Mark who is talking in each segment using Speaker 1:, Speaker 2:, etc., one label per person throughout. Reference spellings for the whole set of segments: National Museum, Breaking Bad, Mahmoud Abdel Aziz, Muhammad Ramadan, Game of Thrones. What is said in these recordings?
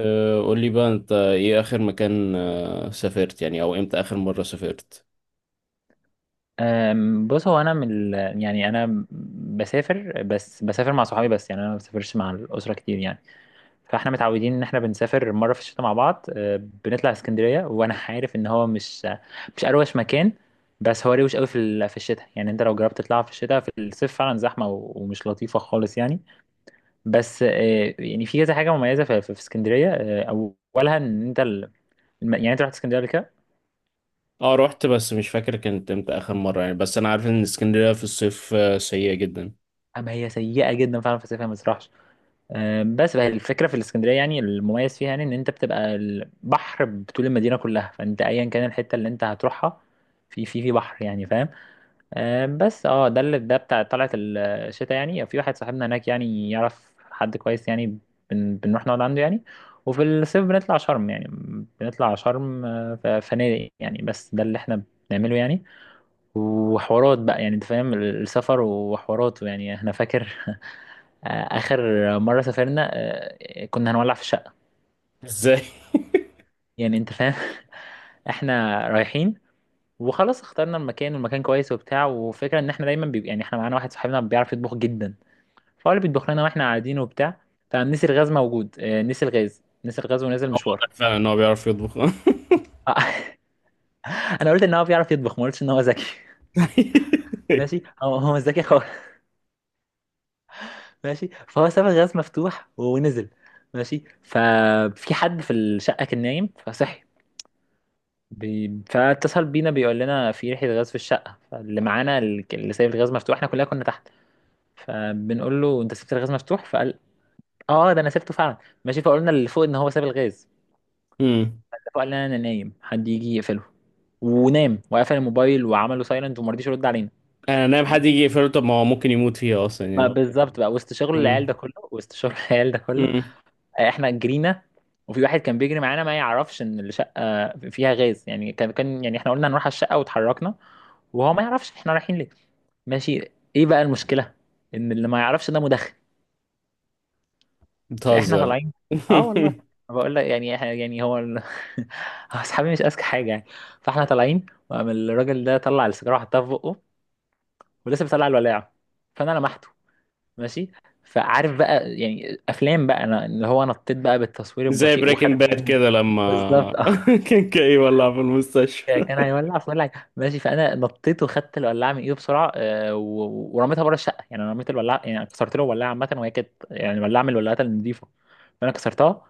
Speaker 1: قول لي بقى انت ايه اخر مكان سافرت يعني او امتى اخر مرة سافرت.
Speaker 2: بص، هو انا يعني انا بسافر، بسافر مع صحابي. بس يعني انا ما بسافرش مع الاسره كتير يعني. فاحنا متعودين ان احنا بنسافر مره في الشتاء مع بعض. بنطلع اسكندريه، وانا عارف ان هو مش اروش مكان، بس هو روش قوي في الشتاء. يعني انت لو جربت تطلع في الشتاء، في الصيف فعلا زحمه و... ومش لطيفه خالص يعني. بس يعني في كذا حاجه مميزه في اسكندريه. اولها ان انت يعني انت رحت اسكندريه قبل كده؟
Speaker 1: اه رحت بس مش فاكر كانت امتى اخر مرة يعني، بس انا عارف ان اسكندرية في الصيف سيئة جدا.
Speaker 2: اما هي سيئه جدا فعلا في الصيف، هي ما تروحش. بس بقى الفكره في الاسكندريه، يعني المميز فيها يعني ان انت بتبقى البحر بطول المدينه كلها. فانت ايا كان الحته اللي انت هتروحها في بحر يعني، فاهم؟ بس اه ده اللي ده بتاع طلعت الشتاء. يعني في واحد صاحبنا هناك يعني يعرف حد كويس يعني، بنروح نقعد عنده يعني. وفي الصيف بنطلع شرم يعني، بنطلع شرم. فنادق يعني، بس ده اللي احنا بنعمله يعني. وحوارات بقى، يعني انت فاهم، السفر وحوارات يعني. انا فاكر اخر مره سافرنا، كنا هنولع في الشقه،
Speaker 1: ازاي؟
Speaker 2: يعني انت فاهم. احنا رايحين وخلاص اخترنا المكان، والمكان كويس وبتاع. وفكره ان احنا دايما بيبقى، يعني احنا معانا واحد صاحبنا بيعرف يطبخ جدا، فهو اللي بيطبخ لنا واحنا قاعدين وبتاع. فنسي الغاز موجود، نسي الغاز ونزل
Speaker 1: هو
Speaker 2: مشوار.
Speaker 1: واضح فعلا ان هو بيعرف يطبخ
Speaker 2: انا قلت ان هو بيعرف يطبخ، ما قلتش ان هو ذكي. ماشي، هو مش ذكي. ماشي، فهو ساب الغاز مفتوح ونزل. ماشي، ففي حد في الشقة كان نايم فصحي، فاتصل بينا بيقول لنا في ريحة غاز في الشقة. فاللي معانا اللي سايب الغاز مفتوح، احنا كلنا كنا تحت. فبنقول له انت سبت الغاز مفتوح، فقال اه ده انا سبته فعلا. ماشي، فقلنا اللي فوق ان هو ساب الغاز.
Speaker 1: امم.
Speaker 2: اللي فوق قال لنا انا نايم، حد يجي يقفله. ونام وقفل الموبايل وعمله سايلنت وما رضيش يرد علينا.
Speaker 1: انا نايم حد يجي يقفله؟ طب ما هو ممكن يموت فيها اصلا
Speaker 2: ما
Speaker 1: يعني.
Speaker 2: بالظبط بقى، وسط شغل العيال ده
Speaker 1: امم.
Speaker 2: كله، وسط شغل العيال ده كله
Speaker 1: امم.
Speaker 2: احنا جرينا. وفي واحد كان بيجري معانا ما يعرفش ان الشقه فيها غاز يعني، كان يعني احنا قلنا هنروح على الشقه واتحركنا، وهو ما يعرفش احنا رايحين ليه. ماشي. ايه بقى المشكله؟ ان اللي ما يعرفش ده مدخن. فاحنا
Speaker 1: بتهزر؟
Speaker 2: طالعين. اه والله. أنا بقول لك يعني هو اصحابي مش اذكى حاجه يعني. فاحنا طالعين، وقام الراجل ده طلع السيجاره وحطها في بقه ولسه بيطلع الولاعه. فانا لمحته. ماشي. فعارف بقى، يعني افلام بقى، انا اللي هو نطيت بقى بالتصوير
Speaker 1: زي
Speaker 2: البطيء وخدت.
Speaker 1: بريكنج باد كده لما
Speaker 2: بالظبط اه.
Speaker 1: كان كاي ولع في المستشفى
Speaker 2: كان هيولع في ولع. ماشي، فانا نطيت وخدت الولاعه من ايده بسرعه. و- ورميتها بره الشقه. يعني انا رميت الولاعه، يعني كسرت له الولاعه عامه، وهي كانت يعني ولاعه من الولاعات النظيفه، فانا كسرتها.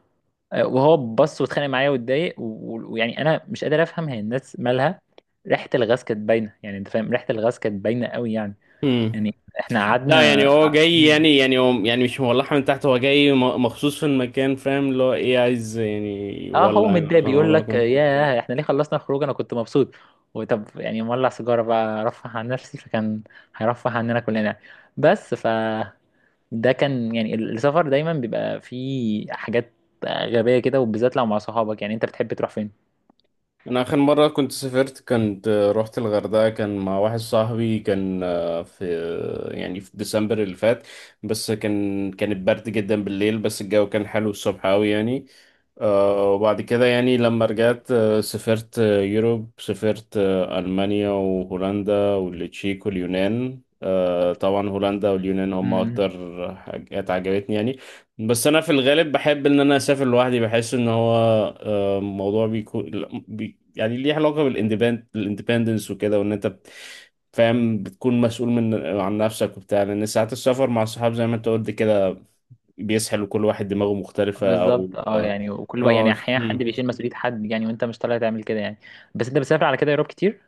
Speaker 2: وهو بص واتخانق معايا واتضايق، و- ويعني انا مش قادر افهم هي الناس مالها. ريحه الغاز كانت باينه، يعني انت فاهم، ريحه الغاز كانت باينه قوي يعني.
Speaker 1: امم.
Speaker 2: يعني احنا
Speaker 1: لا يعني
Speaker 2: قعدنا.
Speaker 1: هو جاي يعني هو يعني مش مولعها من تحت، هو جاي مخصوص في المكان، فاهم اللي هو ايه عايز يعني
Speaker 2: اه هو
Speaker 1: يولع يعني
Speaker 2: متضايق
Speaker 1: فاهم
Speaker 2: بيقول
Speaker 1: الموضوع
Speaker 2: لك
Speaker 1: كده.
Speaker 2: ياه احنا ليه خلصنا الخروج، انا كنت مبسوط. وطب يعني مولع سيجاره بقى رفه عن نفسي، فكان هيرفه عننا كلنا. بس ف ده كان يعني السفر دايما بيبقى فيه حاجات غبية كده، وبالذات لو مع صحابك. يعني انت بتحب تروح فين؟
Speaker 1: انا اخر مره كنت سافرت كنت رحت الغردقه، كان مع واحد صاحبي، كان آه، في آه، يعني في ديسمبر اللي فات. بس كان برد جدا بالليل، بس الجو كان حلو الصبح قوي يعني. وبعد كده يعني لما رجعت سافرت آه، يوروب سافرت المانيا وهولندا والتشيك واليونان. طبعا هولندا واليونان هم
Speaker 2: امم
Speaker 1: اكتر حاجات عجبتني يعني. بس انا في الغالب بحب ان انا اسافر لوحدي، بحس ان هو موضوع بيكون يعني ليه علاقة الاندبندنس وكده، وان انت فاهم بتكون مسؤول عن نفسك وبتاع، لان ساعات السفر مع الصحاب زي ما انت قلت كده بيسحل، وكل واحد دماغه مختلفة او
Speaker 2: بالظبط اه. يعني وكل بقى يعني احيانا حد
Speaker 1: مم.
Speaker 2: بيشيل مسؤولية حد يعني، وانت مش طالع تعمل كده يعني. بس انت بتسافر على كده يا روب كتير؟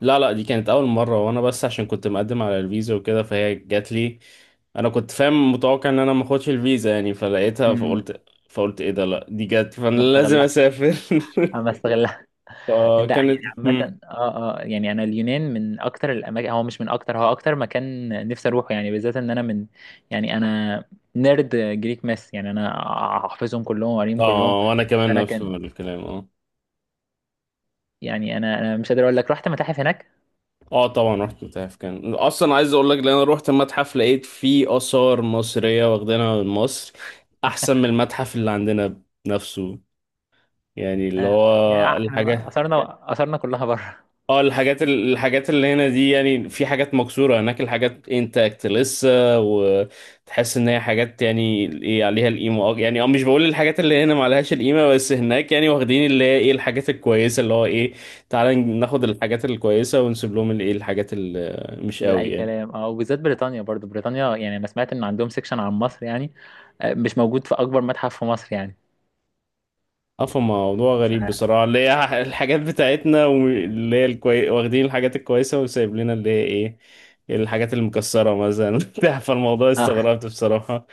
Speaker 1: لا لا دي كانت اول مرة، وانا بس عشان كنت مقدم على الفيزا وكده فهي جات لي. انا كنت فاهم متوقع ان انا ما اخدش الفيزا يعني، فلقيتها
Speaker 2: امم
Speaker 1: فقلت، ايه ده، لا دي جت فانا
Speaker 2: ما
Speaker 1: لازم
Speaker 2: استغلها،
Speaker 1: اسافر
Speaker 2: ما استغلها. ده يعني
Speaker 1: فكانت.
Speaker 2: عامة اه اه. يعني انا اليونان من اكتر الاماكن، هو مش من اكتر، هو اكتر مكان نفسي اروحه يعني، بالذات ان انا من يعني انا نيرد جريك ماس يعني، انا حافظهم كلهم وقاريهم كلهم.
Speaker 1: اه وانا كمان
Speaker 2: فانا
Speaker 1: نفس
Speaker 2: كان
Speaker 1: الكلام اه.
Speaker 2: يعني انا مش قادر اقول لك رحت متاحف هناك.
Speaker 1: اه طبعا رحت متاحف، كان اصلا عايز اقول لك لان انا رحت المتحف لقيت فيه اثار مصريه واخدينها من مصر، احسن من المتحف اللي عندنا نفسه. يعني اللي
Speaker 2: آه،
Speaker 1: هو
Speaker 2: يعني احنا
Speaker 1: الحاجات.
Speaker 2: اثرنا اثرنا كلها بره.
Speaker 1: اه الحاجات اللي هنا دي يعني في حاجات مكسوره، هناك الحاجات انتاكت لسه، وتحس ان هي حاجات يعني ايه عليها القيمه. اه يعني اه مش بقول الحاجات اللي هنا ما عليهاش القيمه، بس هناك يعني واخدين اللي هي ايه الحاجات الكويسه، اللي هو ايه تعالى ناخد الحاجات الكويسه ونسيب لهم الايه الحاجات اللي مش قوي
Speaker 2: لاي
Speaker 1: يعني.
Speaker 2: كلام اه. وبالذات بريطانيا، برضو بريطانيا يعني انا سمعت ان عندهم سيكشن عن مصر يعني، مش موجود في اكبر متحف في مصر يعني.
Speaker 1: اه موضوع
Speaker 2: ف
Speaker 1: غريب بصراحة، اللي هي الحاجات بتاعتنا واللي هي واخدين الحاجات الكويسة وسايب لنا اللي هي ايه الحاجات المكسرة مثلا بتاع، فالموضوع
Speaker 2: اه
Speaker 1: استغربت بصراحة.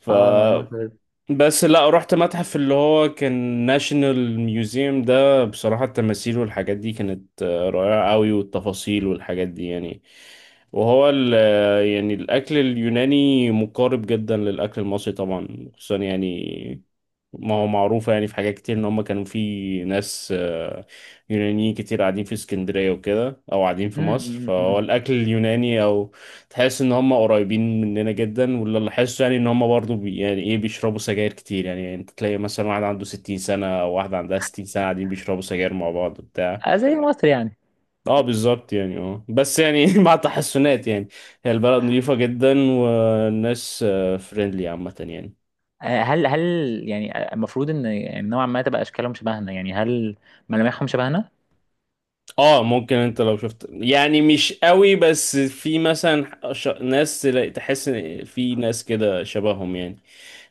Speaker 1: ف
Speaker 2: اه المناظر.
Speaker 1: بس لا رحت متحف اللي هو كان ناشونال ميوزيوم، ده بصراحة التماثيل والحاجات دي كانت رائعة قوي، والتفاصيل والحاجات دي يعني. وهو ال آه، يعني الأكل اليوناني مقارب جدا للأكل المصري طبعا، خصوصا يعني ما هو معروف يعني في حاجات كتير ان هم كانوا في ناس يونانيين كتير قاعدين في اسكندرية وكده او قاعدين في
Speaker 2: أمم،
Speaker 1: مصر،
Speaker 2: أمم،
Speaker 1: فهو
Speaker 2: أمم.
Speaker 1: الاكل اليوناني او تحس ان هم قريبين مننا جدا. واللي لاحظته يعني ان هم برضو يعني ايه بيشربوا سجاير كتير يعني، انت تلاقي مثلا واحد عنده 60 سنة او واحدة عندها 60 سنة قاعدين بيشربوا سجاير مع بعض بتاع.
Speaker 2: زي مصر يعني.
Speaker 1: اه بالظبط يعني، اه بس يعني مع تحسنات يعني. هي البلد نظيفة جدا والناس فريندلي عامة يعني.
Speaker 2: هل يعني، المفروض ان يعني نوعا ما تبقى اشكالهم شبهنا يعني، هل ملامحهم شبهنا؟
Speaker 1: اه ممكن انت لو شفت يعني مش قوي، بس في مثلا ناس تحس ان في ناس كده شبههم يعني،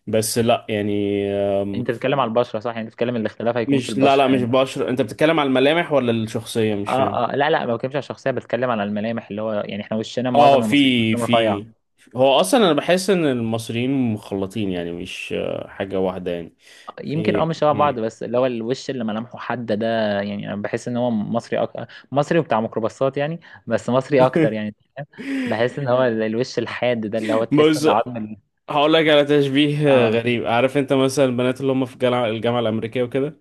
Speaker 1: بس لا يعني.
Speaker 2: انت بتتكلم على البشره صح؟ يعني بتتكلم الاختلاف هيكون في
Speaker 1: مش، لا
Speaker 2: البشره
Speaker 1: لا مش
Speaker 2: يعني.
Speaker 1: بشر، انت بتتكلم على الملامح ولا الشخصية مش
Speaker 2: اه
Speaker 1: فاهم.
Speaker 2: اه، لا لا، ما بتكلمش على الشخصيه، بتكلم على الملامح، اللي هو يعني احنا وشنا،
Speaker 1: اه
Speaker 2: معظم المصريين وشنا رفيع.
Speaker 1: في هو اصلا انا بحس ان المصريين مخلطين يعني، مش حاجة واحدة يعني
Speaker 2: يمكن اه،
Speaker 1: في.
Speaker 2: مش شبه بعض
Speaker 1: مم.
Speaker 2: بس اللي هو الوش اللي ملامحه حاده ده، يعني انا بحس ان هو مصري مصري وبتاع ميكروباصات يعني، بس مصري اكتر يعني. بحس ان هو الوش الحاد ده، اللي هو تحس
Speaker 1: بص
Speaker 2: ان عظم
Speaker 1: هقول لك على تشبيه
Speaker 2: اه
Speaker 1: غريب. عارف انت مثلا البنات اللي هم في الجامعة الأمريكية وكده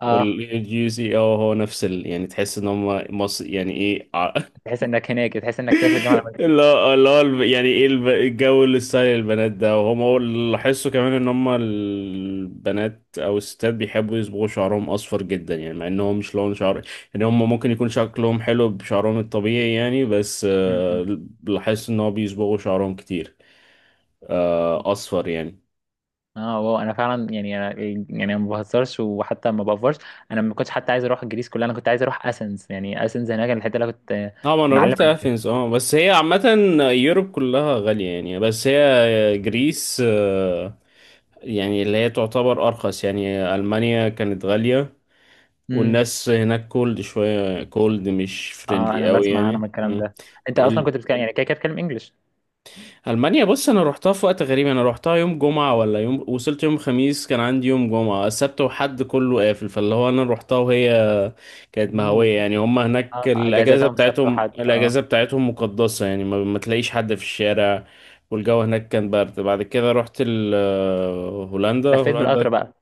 Speaker 2: اه
Speaker 1: والجي سي، اه هو نفس يعني تحس ان هم يعني ايه
Speaker 2: تحس انك هناك، تحس انك تحت الجامعه الأمريكية.
Speaker 1: اللي هو يعني ايه الجو، اللي ستايل البنات ده. وهم هو اللي لاحظته كمان ان هم البنات او الستات بيحبوا يصبغوا شعرهم اصفر جدا يعني، مع انهم مش لون شعر، يعني هم ممكن يكون شكلهم حلو بشعرهم الطبيعي يعني، بس
Speaker 2: م- م.
Speaker 1: لاحظت ان هو بيصبغوا شعرهم كتير، اصفر يعني.
Speaker 2: اه واو، انا فعلا يعني أنا يعني أنا ما بهزرش وحتى ما بافرش. انا ما كنتش حتى عايز اروح الجريس كلها، انا كنت عايز اروح اسنس يعني، اسنس هناك الحته اللي أنا كنت
Speaker 1: اه ما انا
Speaker 2: معلم
Speaker 1: رحت
Speaker 2: عنها.
Speaker 1: اثينز اه، بس هي عامة يوروب كلها غالية يعني، بس هي جريس يعني اللي هي تعتبر ارخص يعني. المانيا كانت غالية،
Speaker 2: امم
Speaker 1: والناس هناك كولد شوية، كولد مش
Speaker 2: اه
Speaker 1: فريندلي
Speaker 2: انا
Speaker 1: قوي
Speaker 2: بسمع، انا من
Speaker 1: يعني.
Speaker 2: الكلام
Speaker 1: مم.
Speaker 2: ده انت اصلا
Speaker 1: ال...
Speaker 2: كنت بتتكلم يعني كده كده بتتكلم انجلش.
Speaker 1: ألمانيا بص، أنا روحتها في وقت غريب. أنا روحتها يوم جمعة، ولا يوم وصلت يوم خميس كان عندي يوم جمعة السبت وحد كله قافل، فاللي هو أنا روحتها وهي كانت
Speaker 2: مم.
Speaker 1: مهوية يعني. هما هناك
Speaker 2: اه اجازات
Speaker 1: الأجازة
Speaker 2: يوم سبت
Speaker 1: بتاعتهم،
Speaker 2: وحد اه.
Speaker 1: مقدسة يعني، ما تلاقيش حد في الشارع. والجو هناك كان برد. بعد كده رحت ال... آه، هولندا.
Speaker 2: لفيت
Speaker 1: هولندا
Speaker 2: بالقطر بقى.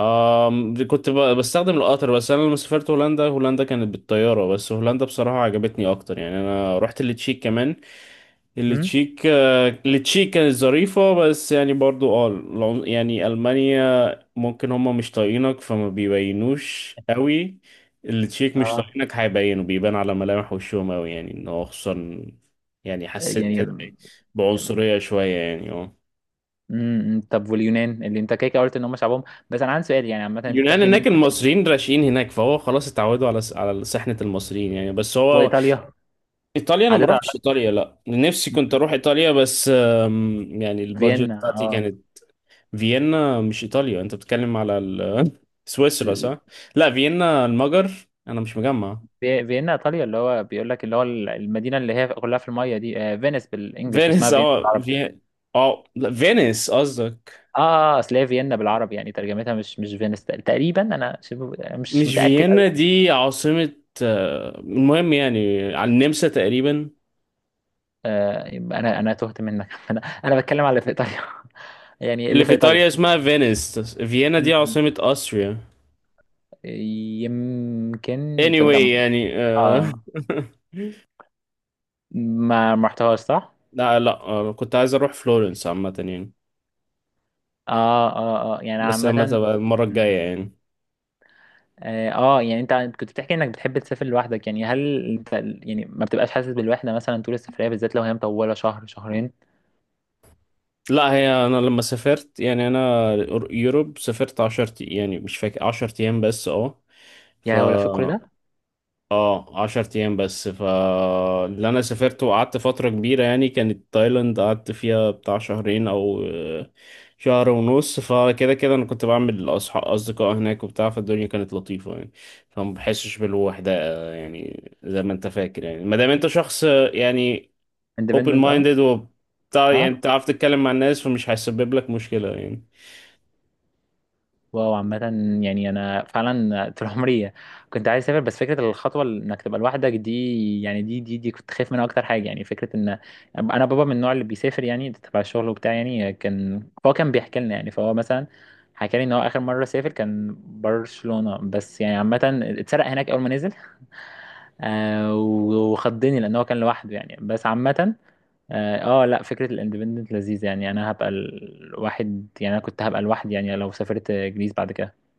Speaker 1: دي كنت بستخدم القطر. بس انا لما سافرت هولندا، هولندا كانت بالطياره، بس هولندا بصراحه عجبتني اكتر يعني. انا رحت التشيك كمان.
Speaker 2: امم
Speaker 1: التشيك كانت ظريفه بس، يعني برضو اه يعني المانيا ممكن هما مش طايقينك فما بيبينوش قوي. التشيك مش
Speaker 2: اه
Speaker 1: طايقينك هيبينوا، بيبان على ملامح وشهم قوي يعني ان هو خصوصا، يعني حسيت
Speaker 2: يعني
Speaker 1: كده بعنصريه شويه يعني اه.
Speaker 2: طب واليونان اللي انت كده كده قلت ان هم شعبهم، بس انا عندي سؤال يعني عامه انت
Speaker 1: اليونان
Speaker 2: بتحكي ان
Speaker 1: هناك
Speaker 2: انت.
Speaker 1: المصريين راشقين هناك، فهو خلاص اتعودوا على سحنة المصريين يعني بس هو.
Speaker 2: وايطاليا؟
Speaker 1: ايطاليا انا ما
Speaker 2: عديت على
Speaker 1: روحتش ايطاليا، لا نفسي كنت
Speaker 2: مم.
Speaker 1: اروح ايطاليا بس يعني البادجت
Speaker 2: فيينا
Speaker 1: بتاعتي
Speaker 2: اه.
Speaker 1: كانت. فيينا مش ايطاليا، انت بتتكلم على سويسرا صح؟ لا فيينا المجر. انا مش مجمع.
Speaker 2: فيينا ايطاليا، اللي هو بيقول لك اللي هو المدينه اللي هي كلها في الميه دي، فينيس بالانجلش،
Speaker 1: فينيس
Speaker 2: اسمها فيينا
Speaker 1: اه،
Speaker 2: بالعربي.
Speaker 1: في اه، لا فينيس قصدك؟
Speaker 2: اه اصل هي فيينا بالعربي، يعني ترجمتها مش فينيس تقريبا، انا مش
Speaker 1: مش
Speaker 2: متاكد قوي.
Speaker 1: فيينا دي عاصمة. المهم يعني على النمسا تقريبا.
Speaker 2: آه يبقى انا تهت منك. انا بتكلم على اللي في ايطاليا. يعني
Speaker 1: اللي
Speaker 2: اللي
Speaker 1: في
Speaker 2: في
Speaker 1: ايطاليا
Speaker 2: ايطاليا.
Speaker 1: اسمها فينيس، فيينا دي
Speaker 2: م-
Speaker 1: عاصمة أستريا.
Speaker 2: يمكن تصدق
Speaker 1: anyway يعني
Speaker 2: اه ما رحتهاش صح؟
Speaker 1: لا لا كنت عايز اروح فلورنس عامة يعني،
Speaker 2: اه اه اه يعني
Speaker 1: بس لما
Speaker 2: عامه.
Speaker 1: تبقى المرة الجاية يعني.
Speaker 2: اه يعني انت كنت بتحكي انك بتحب تسافر لوحدك، يعني هل انت يعني ما بتبقاش حاسس بالوحده مثلا طول السفريه، بالذات لو هي مطوله شهر شهرين؟
Speaker 1: لا هي انا لما سافرت يعني انا يوروب سافرت 10، يعني مش فاكر، 10 ايام بس. اه،
Speaker 2: يا
Speaker 1: ف
Speaker 2: لهوي لو في كل ده.
Speaker 1: اه 10 ايام بس. فاللي انا سافرت وقعدت فترة كبيرة يعني كانت تايلاند، قعدت فيها بتاع شهرين او شهر ونص. فكده كده انا كنت بعمل اصحاب اصدقاء هناك وبتاع، فالدنيا كانت لطيفة يعني، فما بحسش بالوحدة. يعني زي ما انت فاكر يعني ما دام انت شخص يعني open
Speaker 2: اندبندنت اه.
Speaker 1: minded وبتاع يعني
Speaker 2: اه
Speaker 1: بتعرف تتكلم مع الناس فمش هيسبب لك مشكلة يعني.
Speaker 2: واو عامه. يعني انا فعلا طول عمري كنت عايز اسافر، بس فكره الخطوه اللي انك تبقى لوحدك دي يعني دي كنت خايف منها اكتر حاجه. يعني فكره ان انا بابا من النوع اللي بيسافر يعني تبع الشغل وبتاع يعني، كان فهو كان بيحكي لنا يعني. فهو مثلا حكى لي ان هو اخر مره سافر كان برشلونه، بس يعني عامه اتسرق هناك اول ما نزل، آه وخضني لان هو كان لوحده يعني. بس عامه اه، لا فكره الاندبندنت لذيذه يعني، انا هبقى الواحد يعني انا كنت هبقى لوحدي يعني لو سافرت جريس بعد كده